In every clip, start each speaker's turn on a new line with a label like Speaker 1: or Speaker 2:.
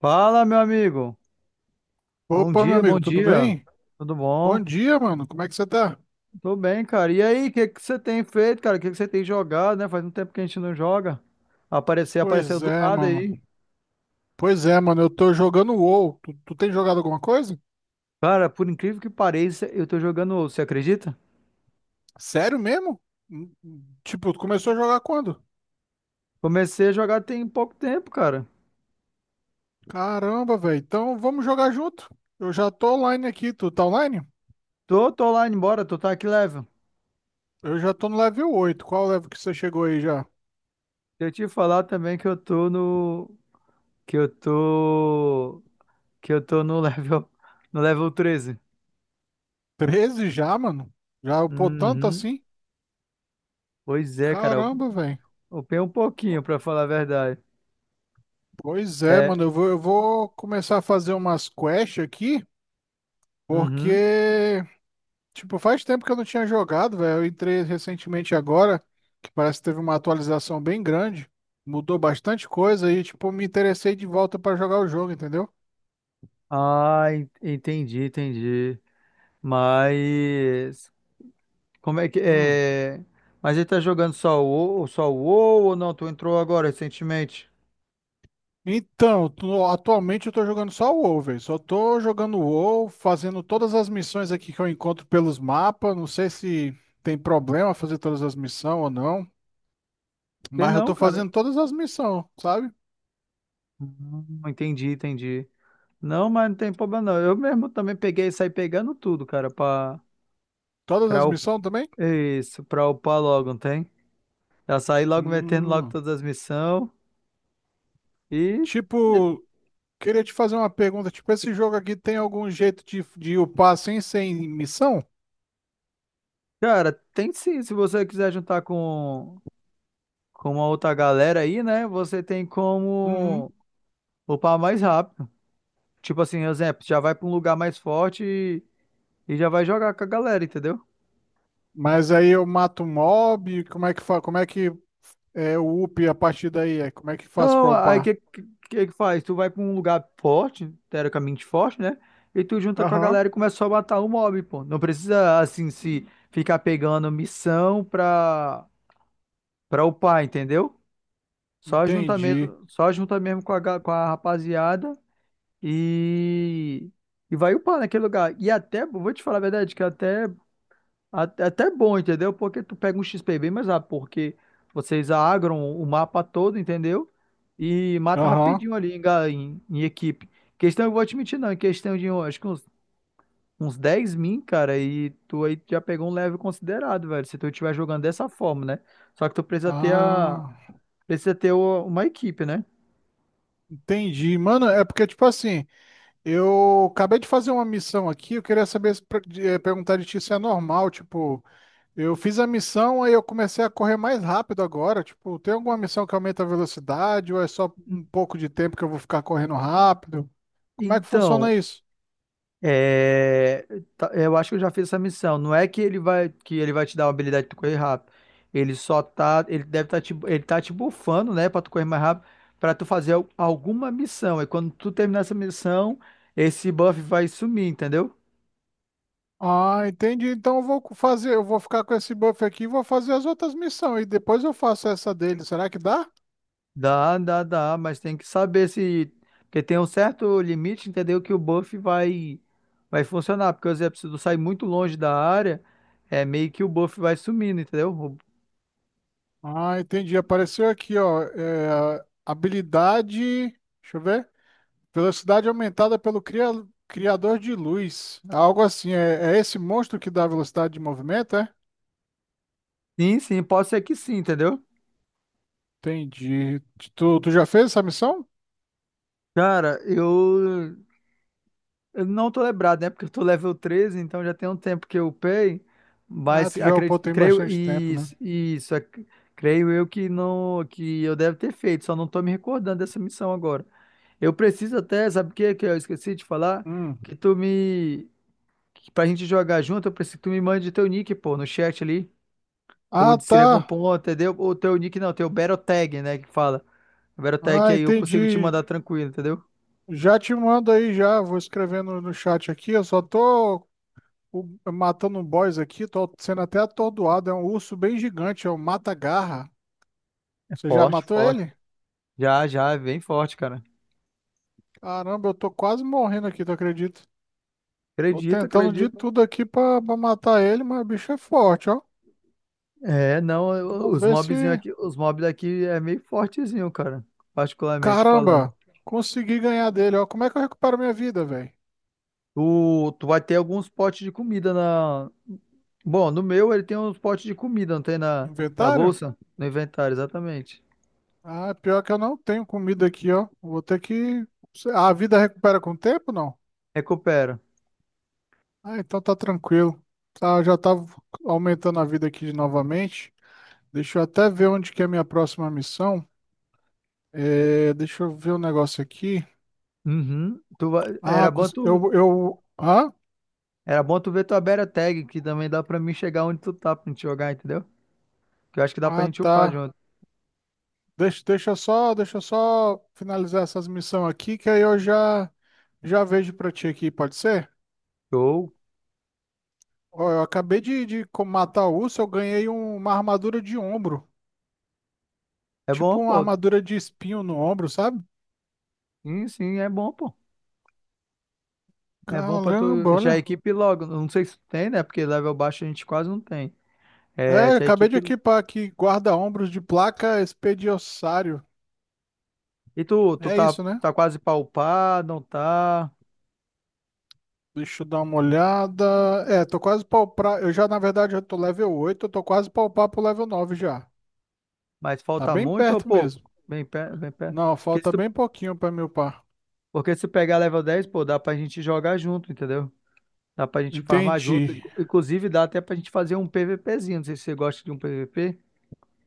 Speaker 1: Fala, meu amigo. Bom
Speaker 2: Opa, meu
Speaker 1: dia, bom
Speaker 2: amigo, tudo
Speaker 1: dia.
Speaker 2: bem?
Speaker 1: Tudo
Speaker 2: Bom
Speaker 1: bom?
Speaker 2: dia, mano. Como é que você tá?
Speaker 1: Tô bem, cara. E aí, o que que você tem feito, cara? O que que você tem jogado, né? Faz um tempo que a gente não joga. Apareceu, apareceu
Speaker 2: Pois
Speaker 1: do
Speaker 2: é,
Speaker 1: nada
Speaker 2: mano.
Speaker 1: aí.
Speaker 2: Pois é, mano. Eu tô jogando WoW. Tu tem jogado alguma coisa?
Speaker 1: Cara, por incrível que pareça, eu tô jogando, WoW, você acredita?
Speaker 2: Sério mesmo? Tipo, tu começou a jogar quando?
Speaker 1: Comecei a jogar tem pouco tempo, cara.
Speaker 2: Caramba, velho. Então vamos jogar junto. Eu já tô online aqui. Tu tá online?
Speaker 1: Tô lá embora, tô tá aqui level.
Speaker 2: Eu já tô no level 8. Qual level que você chegou aí já?
Speaker 1: Deixa eu te falar também que eu tô que eu tô no level no level 13.
Speaker 2: 13 já, mano? Já upou tanto
Speaker 1: Uhum.
Speaker 2: assim?
Speaker 1: Pois é, cara, eu
Speaker 2: Caramba, velho.
Speaker 1: upei um pouquinho pra falar a verdade.
Speaker 2: Pois é,
Speaker 1: É,
Speaker 2: mano. Eu vou começar a fazer umas quests aqui,
Speaker 1: uhum.
Speaker 2: porque, tipo, faz tempo que eu não tinha jogado, velho. Eu entrei recentemente agora, que parece que teve uma atualização bem grande. Mudou bastante coisa e, tipo, me interessei de volta pra jogar o jogo, entendeu?
Speaker 1: Ah, entendi, entendi. Mas como é que
Speaker 2: Hum.
Speaker 1: é? Mas ele tá jogando só o só o WoW ou não? Tu entrou agora recentemente?
Speaker 2: Então, atualmente eu tô jogando só o WoW, velho. Só tô jogando o WoW, fazendo todas as missões aqui que eu encontro pelos mapas. Não sei se tem problema fazer todas as missões ou não,
Speaker 1: Sei
Speaker 2: mas eu
Speaker 1: não,
Speaker 2: tô
Speaker 1: cara.
Speaker 2: fazendo todas as missões, sabe?
Speaker 1: Entendi, entendi. Não, mas não tem problema não. Eu mesmo também peguei e saí pegando tudo, cara,
Speaker 2: Todas
Speaker 1: pra,
Speaker 2: as
Speaker 1: up-
Speaker 2: missões também?
Speaker 1: isso, pra upar logo, não tem? Já saí logo metendo logo
Speaker 2: Hum.
Speaker 1: todas as missões. E, e,
Speaker 2: Tipo, queria te fazer uma pergunta, tipo, esse jogo aqui tem algum jeito de upar assim, sem missão?
Speaker 1: cara, tem sim, se você quiser juntar como a outra galera aí, né? Você tem
Speaker 2: Uhum.
Speaker 1: como upar mais rápido. Tipo assim, exemplo, já vai pra um lugar mais forte e já vai jogar com a galera, entendeu?
Speaker 2: Mas aí eu mato um mob, como é que é o up a partir daí? É, como é que faço
Speaker 1: Não,
Speaker 2: pra
Speaker 1: aí
Speaker 2: upar?
Speaker 1: que faz? Tu vai pra um lugar forte, teoricamente forte, né? E tu junta com a
Speaker 2: Aham.
Speaker 1: galera e começa só a matar o mob, pô. Não precisa, assim, se ficar pegando missão pra upar, entendeu?
Speaker 2: Entendi.
Speaker 1: Só junta mesmo com a rapaziada. E, e vai upar naquele lugar. E até, vou te falar a verdade, que até bom, entendeu? Porque tu pega um XP bem mais rápido, porque vocês agram o mapa todo, entendeu? E mata
Speaker 2: Aham.
Speaker 1: rapidinho ali em equipe. Questão, eu vou te mentir, não, em questão de, eu acho que uns 10 min, cara, e tu aí já pegou um level considerado, velho, se tu estiver jogando dessa forma, né? Só que tu precisa ter a,
Speaker 2: Ah,
Speaker 1: precisa ter o- uma equipe, né?
Speaker 2: entendi. Mano, é porque, tipo assim, eu acabei de fazer uma missão aqui, eu queria saber, se pra- de- eh, perguntar de ti se é normal, tipo. Eu fiz a missão, aí eu comecei a correr mais rápido agora. Tipo, tem alguma missão que aumenta a velocidade ou é só um pouco de tempo que eu vou ficar correndo rápido? Como é que funciona
Speaker 1: Então,
Speaker 2: isso?
Speaker 1: é, eu acho que eu já fiz essa missão. Não é que ele vai te dar uma habilidade de tu correr rápido. Ele só tá, ele deve tá te, ele tá te bufando, né, para tu correr mais rápido, para tu fazer alguma missão. E quando tu terminar essa missão, esse buff vai sumir, entendeu?
Speaker 2: Ah, entendi. Então eu vou fazer, eu vou ficar com esse buff aqui e vou fazer as outras missões e depois eu faço essa dele. Será que dá?
Speaker 1: Dá, dá, dá, mas tem que saber se porque tem um certo limite, entendeu? Que o buff vai funcionar, porque por exemplo, se tu sair muito longe da área, é meio que o buff vai sumindo, entendeu?
Speaker 2: Ah, entendi. Apareceu aqui, ó, é, habilidade, deixa eu ver. Velocidade aumentada pelo criador de luz. Algo assim, é, é esse monstro que dá velocidade de movimento, é?
Speaker 1: Sim, sim, pode ser que sim, entendeu?
Speaker 2: Entendi. Tu já fez essa missão?
Speaker 1: Cara, eu não tô lembrado, né? Porque eu tô level 13, então já tem um tempo que eu upei,
Speaker 2: Ah,
Speaker 1: mas
Speaker 2: tu já upou
Speaker 1: acredito,
Speaker 2: tem
Speaker 1: creio,
Speaker 2: bastante tempo, né?
Speaker 1: isso, creio eu que não, que eu deve ter feito, só não tô me recordando dessa missão agora. Eu preciso até, sabe o que que eu esqueci de falar?
Speaker 2: Hum.
Speaker 1: Que tu me, que pra gente jogar junto, eu preciso que tu me mande teu nick, pô, no chat ali, ou
Speaker 2: Ah,
Speaker 1: escreva um
Speaker 2: tá.
Speaker 1: ponto, entendeu? Ou teu nick não, teu Battle Tag, né, que fala. Battle Tag que
Speaker 2: Ah,
Speaker 1: aí eu consigo te
Speaker 2: entendi.
Speaker 1: mandar tranquilo, entendeu?
Speaker 2: Já te mando aí já. Vou escrevendo no chat aqui. Eu só tô o- matando um boss aqui. Tô sendo até atordoado. É um urso bem gigante. É um mata-garra. Você já
Speaker 1: Forte,
Speaker 2: matou
Speaker 1: forte.
Speaker 2: ele?
Speaker 1: Já, já, é bem forte, cara.
Speaker 2: Caramba, eu tô quase morrendo aqui, tu acredita? Tô
Speaker 1: Acredito,
Speaker 2: tentando de
Speaker 1: acredito.
Speaker 2: tudo aqui pra matar ele, mas o bicho é forte, ó.
Speaker 1: É, não,
Speaker 2: Vamos
Speaker 1: os
Speaker 2: ver
Speaker 1: mobzinho
Speaker 2: se.
Speaker 1: aqui, os mobs daqui é meio fortezinho, cara, particularmente falando.
Speaker 2: Caramba, consegui ganhar dele, ó. Como é que eu recupero minha vida, velho?
Speaker 1: Tu vai ter alguns potes de comida na. Bom, no meu ele tem uns potes de comida, não tem na
Speaker 2: Inventário?
Speaker 1: bolsa? No inventário, exatamente.
Speaker 2: Ah, pior que eu não tenho comida aqui, ó. Vou ter que. A vida recupera com o tempo, não?
Speaker 1: Recupera.
Speaker 2: Ah, então tá tranquilo. Tá, eu já tava aumentando a vida aqui de novamente. Deixa eu até ver onde que é a minha próxima missão. É, deixa eu ver um negócio aqui.
Speaker 1: Uhum. Era
Speaker 2: Ah,
Speaker 1: bom tu,
Speaker 2: eu. Ah?
Speaker 1: era bom tu ver tua beta Tag, que também dá pra mim chegar onde tu tá pra gente jogar, entendeu? Que eu acho que dá pra
Speaker 2: Ah,
Speaker 1: gente upar
Speaker 2: tá.
Speaker 1: junto.
Speaker 2: Deixa eu só finalizar essas missões aqui, que aí eu já vejo pra ti aqui, pode ser?
Speaker 1: Show.
Speaker 2: Ó, eu acabei de matar o urso, eu ganhei uma armadura de ombro.
Speaker 1: É
Speaker 2: Tipo
Speaker 1: bom,
Speaker 2: uma
Speaker 1: pô.
Speaker 2: armadura de espinho no ombro, sabe?
Speaker 1: Sim, sim, é bom, pô. É bom pra
Speaker 2: Caramba,
Speaker 1: tu. Já
Speaker 2: olha.
Speaker 1: equipe logo. Não sei se tu tem, né? Porque level baixo a gente quase não tem. É,
Speaker 2: É,
Speaker 1: já
Speaker 2: acabei de
Speaker 1: equipe.
Speaker 2: equipar aqui guarda-ombros de placa expediossário.
Speaker 1: E tu
Speaker 2: É
Speaker 1: tá,
Speaker 2: isso, né?
Speaker 1: tá quase pra upar, não tá?
Speaker 2: Deixa eu dar uma olhada. É, tô quase palpar. Eu já, na verdade, já tô level oito. Eu tô quase palpar pro level 9 já.
Speaker 1: Mas
Speaker 2: Tá
Speaker 1: falta
Speaker 2: bem
Speaker 1: muito ou
Speaker 2: perto
Speaker 1: pouco?
Speaker 2: mesmo.
Speaker 1: Bem perto, bem perto.
Speaker 2: Não, falta bem pouquinho pra me upar.
Speaker 1: Porque se pegar level 10, pô, dá pra gente jogar junto, entendeu? Dá pra gente farmar junto.
Speaker 2: Entendi.
Speaker 1: Inclusive, dá até pra gente fazer um PVPzinho. Não sei se você gosta de um PVP.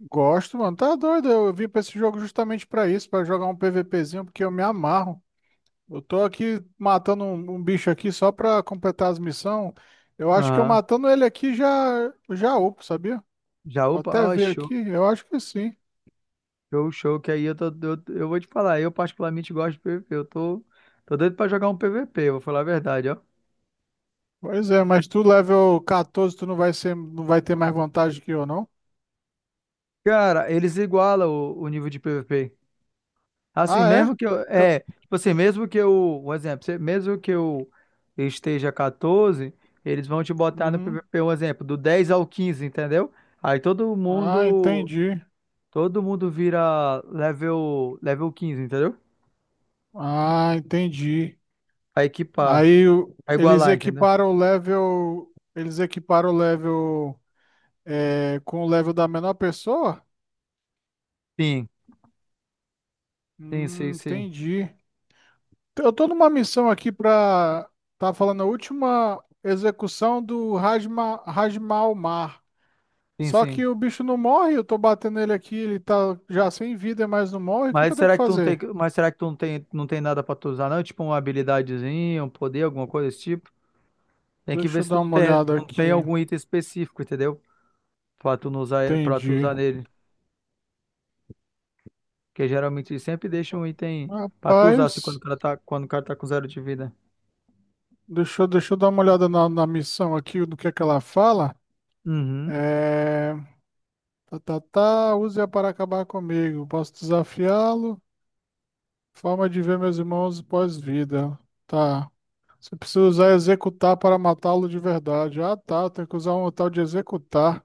Speaker 2: Gosto, mano. Tá doido. Eu vim pra esse jogo justamente pra isso, pra jogar um PVPzinho, porque eu me amarro. Eu tô aqui matando um bicho aqui só pra completar as missões. Eu acho que eu
Speaker 1: Aham.
Speaker 2: matando ele aqui já já upo, sabia?
Speaker 1: Já
Speaker 2: Vou
Speaker 1: upa?
Speaker 2: até
Speaker 1: Ó,
Speaker 2: ver
Speaker 1: show,
Speaker 2: aqui, eu acho que sim.
Speaker 1: show, show. Que aí eu vou te falar. Eu, particularmente, gosto de PVP. Eu tô doido pra jogar um PVP, eu vou falar a verdade, ó.
Speaker 2: Pois é, mas tu level 14, tu não vai ser, não vai ter mais vantagem que eu, não?
Speaker 1: Cara, eles igualam o nível de PVP. Assim,
Speaker 2: Ah, é?
Speaker 1: mesmo que eu.
Speaker 2: Fica-
Speaker 1: É, tipo assim, mesmo que eu. Um exemplo, mesmo que eu esteja 14, eles vão te botar no
Speaker 2: Uhum.
Speaker 1: PVP, um exemplo, do 10 ao 15, entendeu? Aí todo
Speaker 2: Ah,
Speaker 1: mundo.
Speaker 2: entendi.
Speaker 1: Todo mundo vira level 15, entendeu?
Speaker 2: Ah, entendi.
Speaker 1: A equipar,
Speaker 2: Aí
Speaker 1: a
Speaker 2: eles
Speaker 1: igualar, entendeu?
Speaker 2: equiparam o level, eles equiparam o level, é, com o level da menor pessoa?
Speaker 1: Sim, sim, sim, sim.
Speaker 2: Entendi. Então, eu tô numa missão aqui pra. Tá falando a última execução do Rajma, Rajmal Mar.
Speaker 1: Sim,
Speaker 2: Só
Speaker 1: sim.
Speaker 2: que o bicho não morre, eu tô batendo ele aqui, ele tá já sem vida, mas não morre. O que que
Speaker 1: Mas
Speaker 2: eu tenho que
Speaker 1: será que tu não tem,
Speaker 2: fazer?
Speaker 1: mas será que tu não tem, não tem nada pra tu usar, não? Tipo uma habilidadezinha, um poder, alguma coisa desse tipo? Tem que
Speaker 2: Deixa
Speaker 1: ver
Speaker 2: eu
Speaker 1: se tu
Speaker 2: dar
Speaker 1: não
Speaker 2: uma
Speaker 1: tem,
Speaker 2: olhada
Speaker 1: não
Speaker 2: aqui.
Speaker 1: tem algum item específico, entendeu? Pra tu não usar, pra tu
Speaker 2: Entendi.
Speaker 1: usar nele. Porque geralmente eles sempre deixam um item pra tu usar assim quando o
Speaker 2: Rapaz,
Speaker 1: cara tá, quando o cara tá com zero de vida.
Speaker 2: deixa eu dar uma olhada na, missão aqui, do que é que ela fala.
Speaker 1: Uhum.
Speaker 2: É. Tá, tá, tá, use-a para acabar comigo. Posso desafiá-lo? Forma de ver meus irmãos pós-vida. Tá. Você precisa usar executar para matá-lo de verdade. Ah, tá. Tem que usar um tal de executar.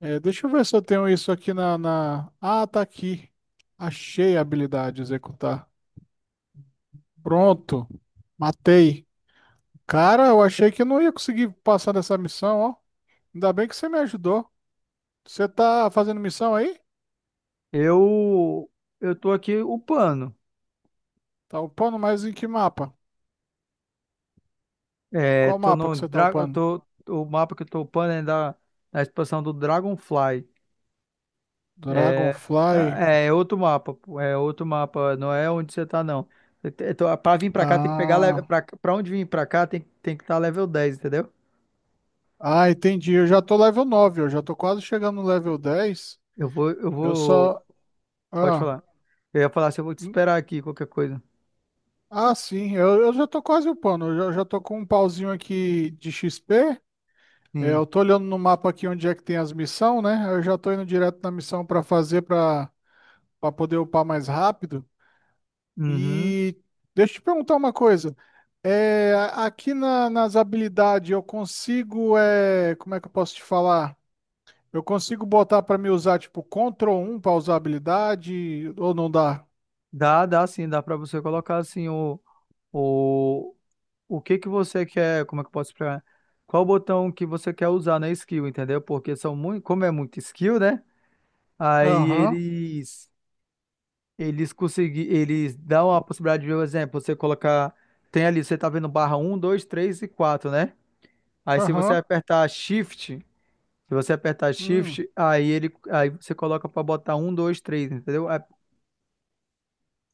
Speaker 2: É, deixa eu ver se eu tenho isso aqui na, na. Ah, tá aqui. Achei a habilidade executar. Pronto. Matei. Cara, eu achei que eu não ia conseguir passar dessa missão, ó. Ainda bem que você me ajudou. Você tá fazendo missão aí?
Speaker 1: Eu, eu tô aqui upando.
Speaker 2: Tá upando, mas em que mapa?
Speaker 1: É,
Speaker 2: Qual
Speaker 1: tô
Speaker 2: mapa
Speaker 1: no
Speaker 2: que você tá
Speaker 1: dra- eu
Speaker 2: upando?
Speaker 1: tô, o mapa que eu tô upando é da expansão do Dragonfly. É,
Speaker 2: Dragonfly.
Speaker 1: é outro mapa, pô, é outro mapa, não é onde você tá, não. Eu te- eu tô- Pra vir pra cá tem que pegar, le-
Speaker 2: Ah.
Speaker 1: pra onde vir pra cá tem que estar level 10, entendeu?
Speaker 2: Ah, entendi. Eu já tô level 9. Eu já tô quase chegando no level 10.
Speaker 1: Eu vou, eu
Speaker 2: Eu
Speaker 1: vou.
Speaker 2: só.
Speaker 1: Pode
Speaker 2: Ah,
Speaker 1: falar. Eu ia falar se eu vou te
Speaker 2: hum,
Speaker 1: esperar aqui, qualquer coisa.
Speaker 2: ah sim, eu já tô quase upando. Eu já tô com um pauzinho aqui de XP. É,
Speaker 1: Sim.
Speaker 2: eu tô olhando no mapa aqui onde é que tem as missões, né? Eu já tô indo direto na missão pra fazer pra para poder upar mais rápido.
Speaker 1: Uhum.
Speaker 2: E deixa eu te perguntar uma coisa. É, aqui nas habilidades eu consigo. É, como é que eu posso te falar? Eu consigo botar pra me usar, tipo, Ctrl 1 pra usar habilidade, ou não dá?
Speaker 1: Dá, dá sim, dá pra você colocar assim o, o que que você quer, como é que eu posso explicar? Qual botão que você quer usar na skill, entendeu? Porque como é muito skill, né? Aí
Speaker 2: Aham,
Speaker 1: eles eles dão a possibilidade de, por exemplo, você colocar tem ali, você tá vendo barra um, 2, 3 e 4, né? Aí se você
Speaker 2: aham.
Speaker 1: apertar Shift Se você apertar
Speaker 2: Hum.
Speaker 1: Shift, aí você coloca para botar um, dois, três, entendeu?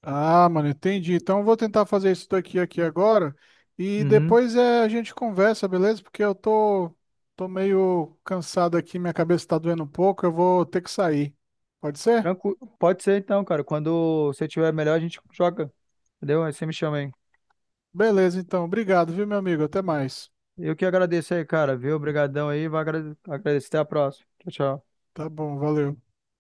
Speaker 2: Ah, mano, entendi. Então eu vou tentar fazer isso daqui aqui agora e
Speaker 1: Uhum.
Speaker 2: depois é, a gente conversa, beleza? Porque eu tô meio cansado aqui, minha cabeça tá doendo um pouco, eu vou ter que sair. Pode ser?
Speaker 1: Tranquilo. Pode ser então, cara. Quando você tiver melhor, a gente joga. Entendeu? Aí você me chama aí.
Speaker 2: Beleza, então. Obrigado, viu, meu amigo? Até mais.
Speaker 1: Eu que agradeço aí, cara. Viu? Obrigadão aí. Vai agradecer. Até a próxima. Tchau, tchau.
Speaker 2: Tá bom, valeu.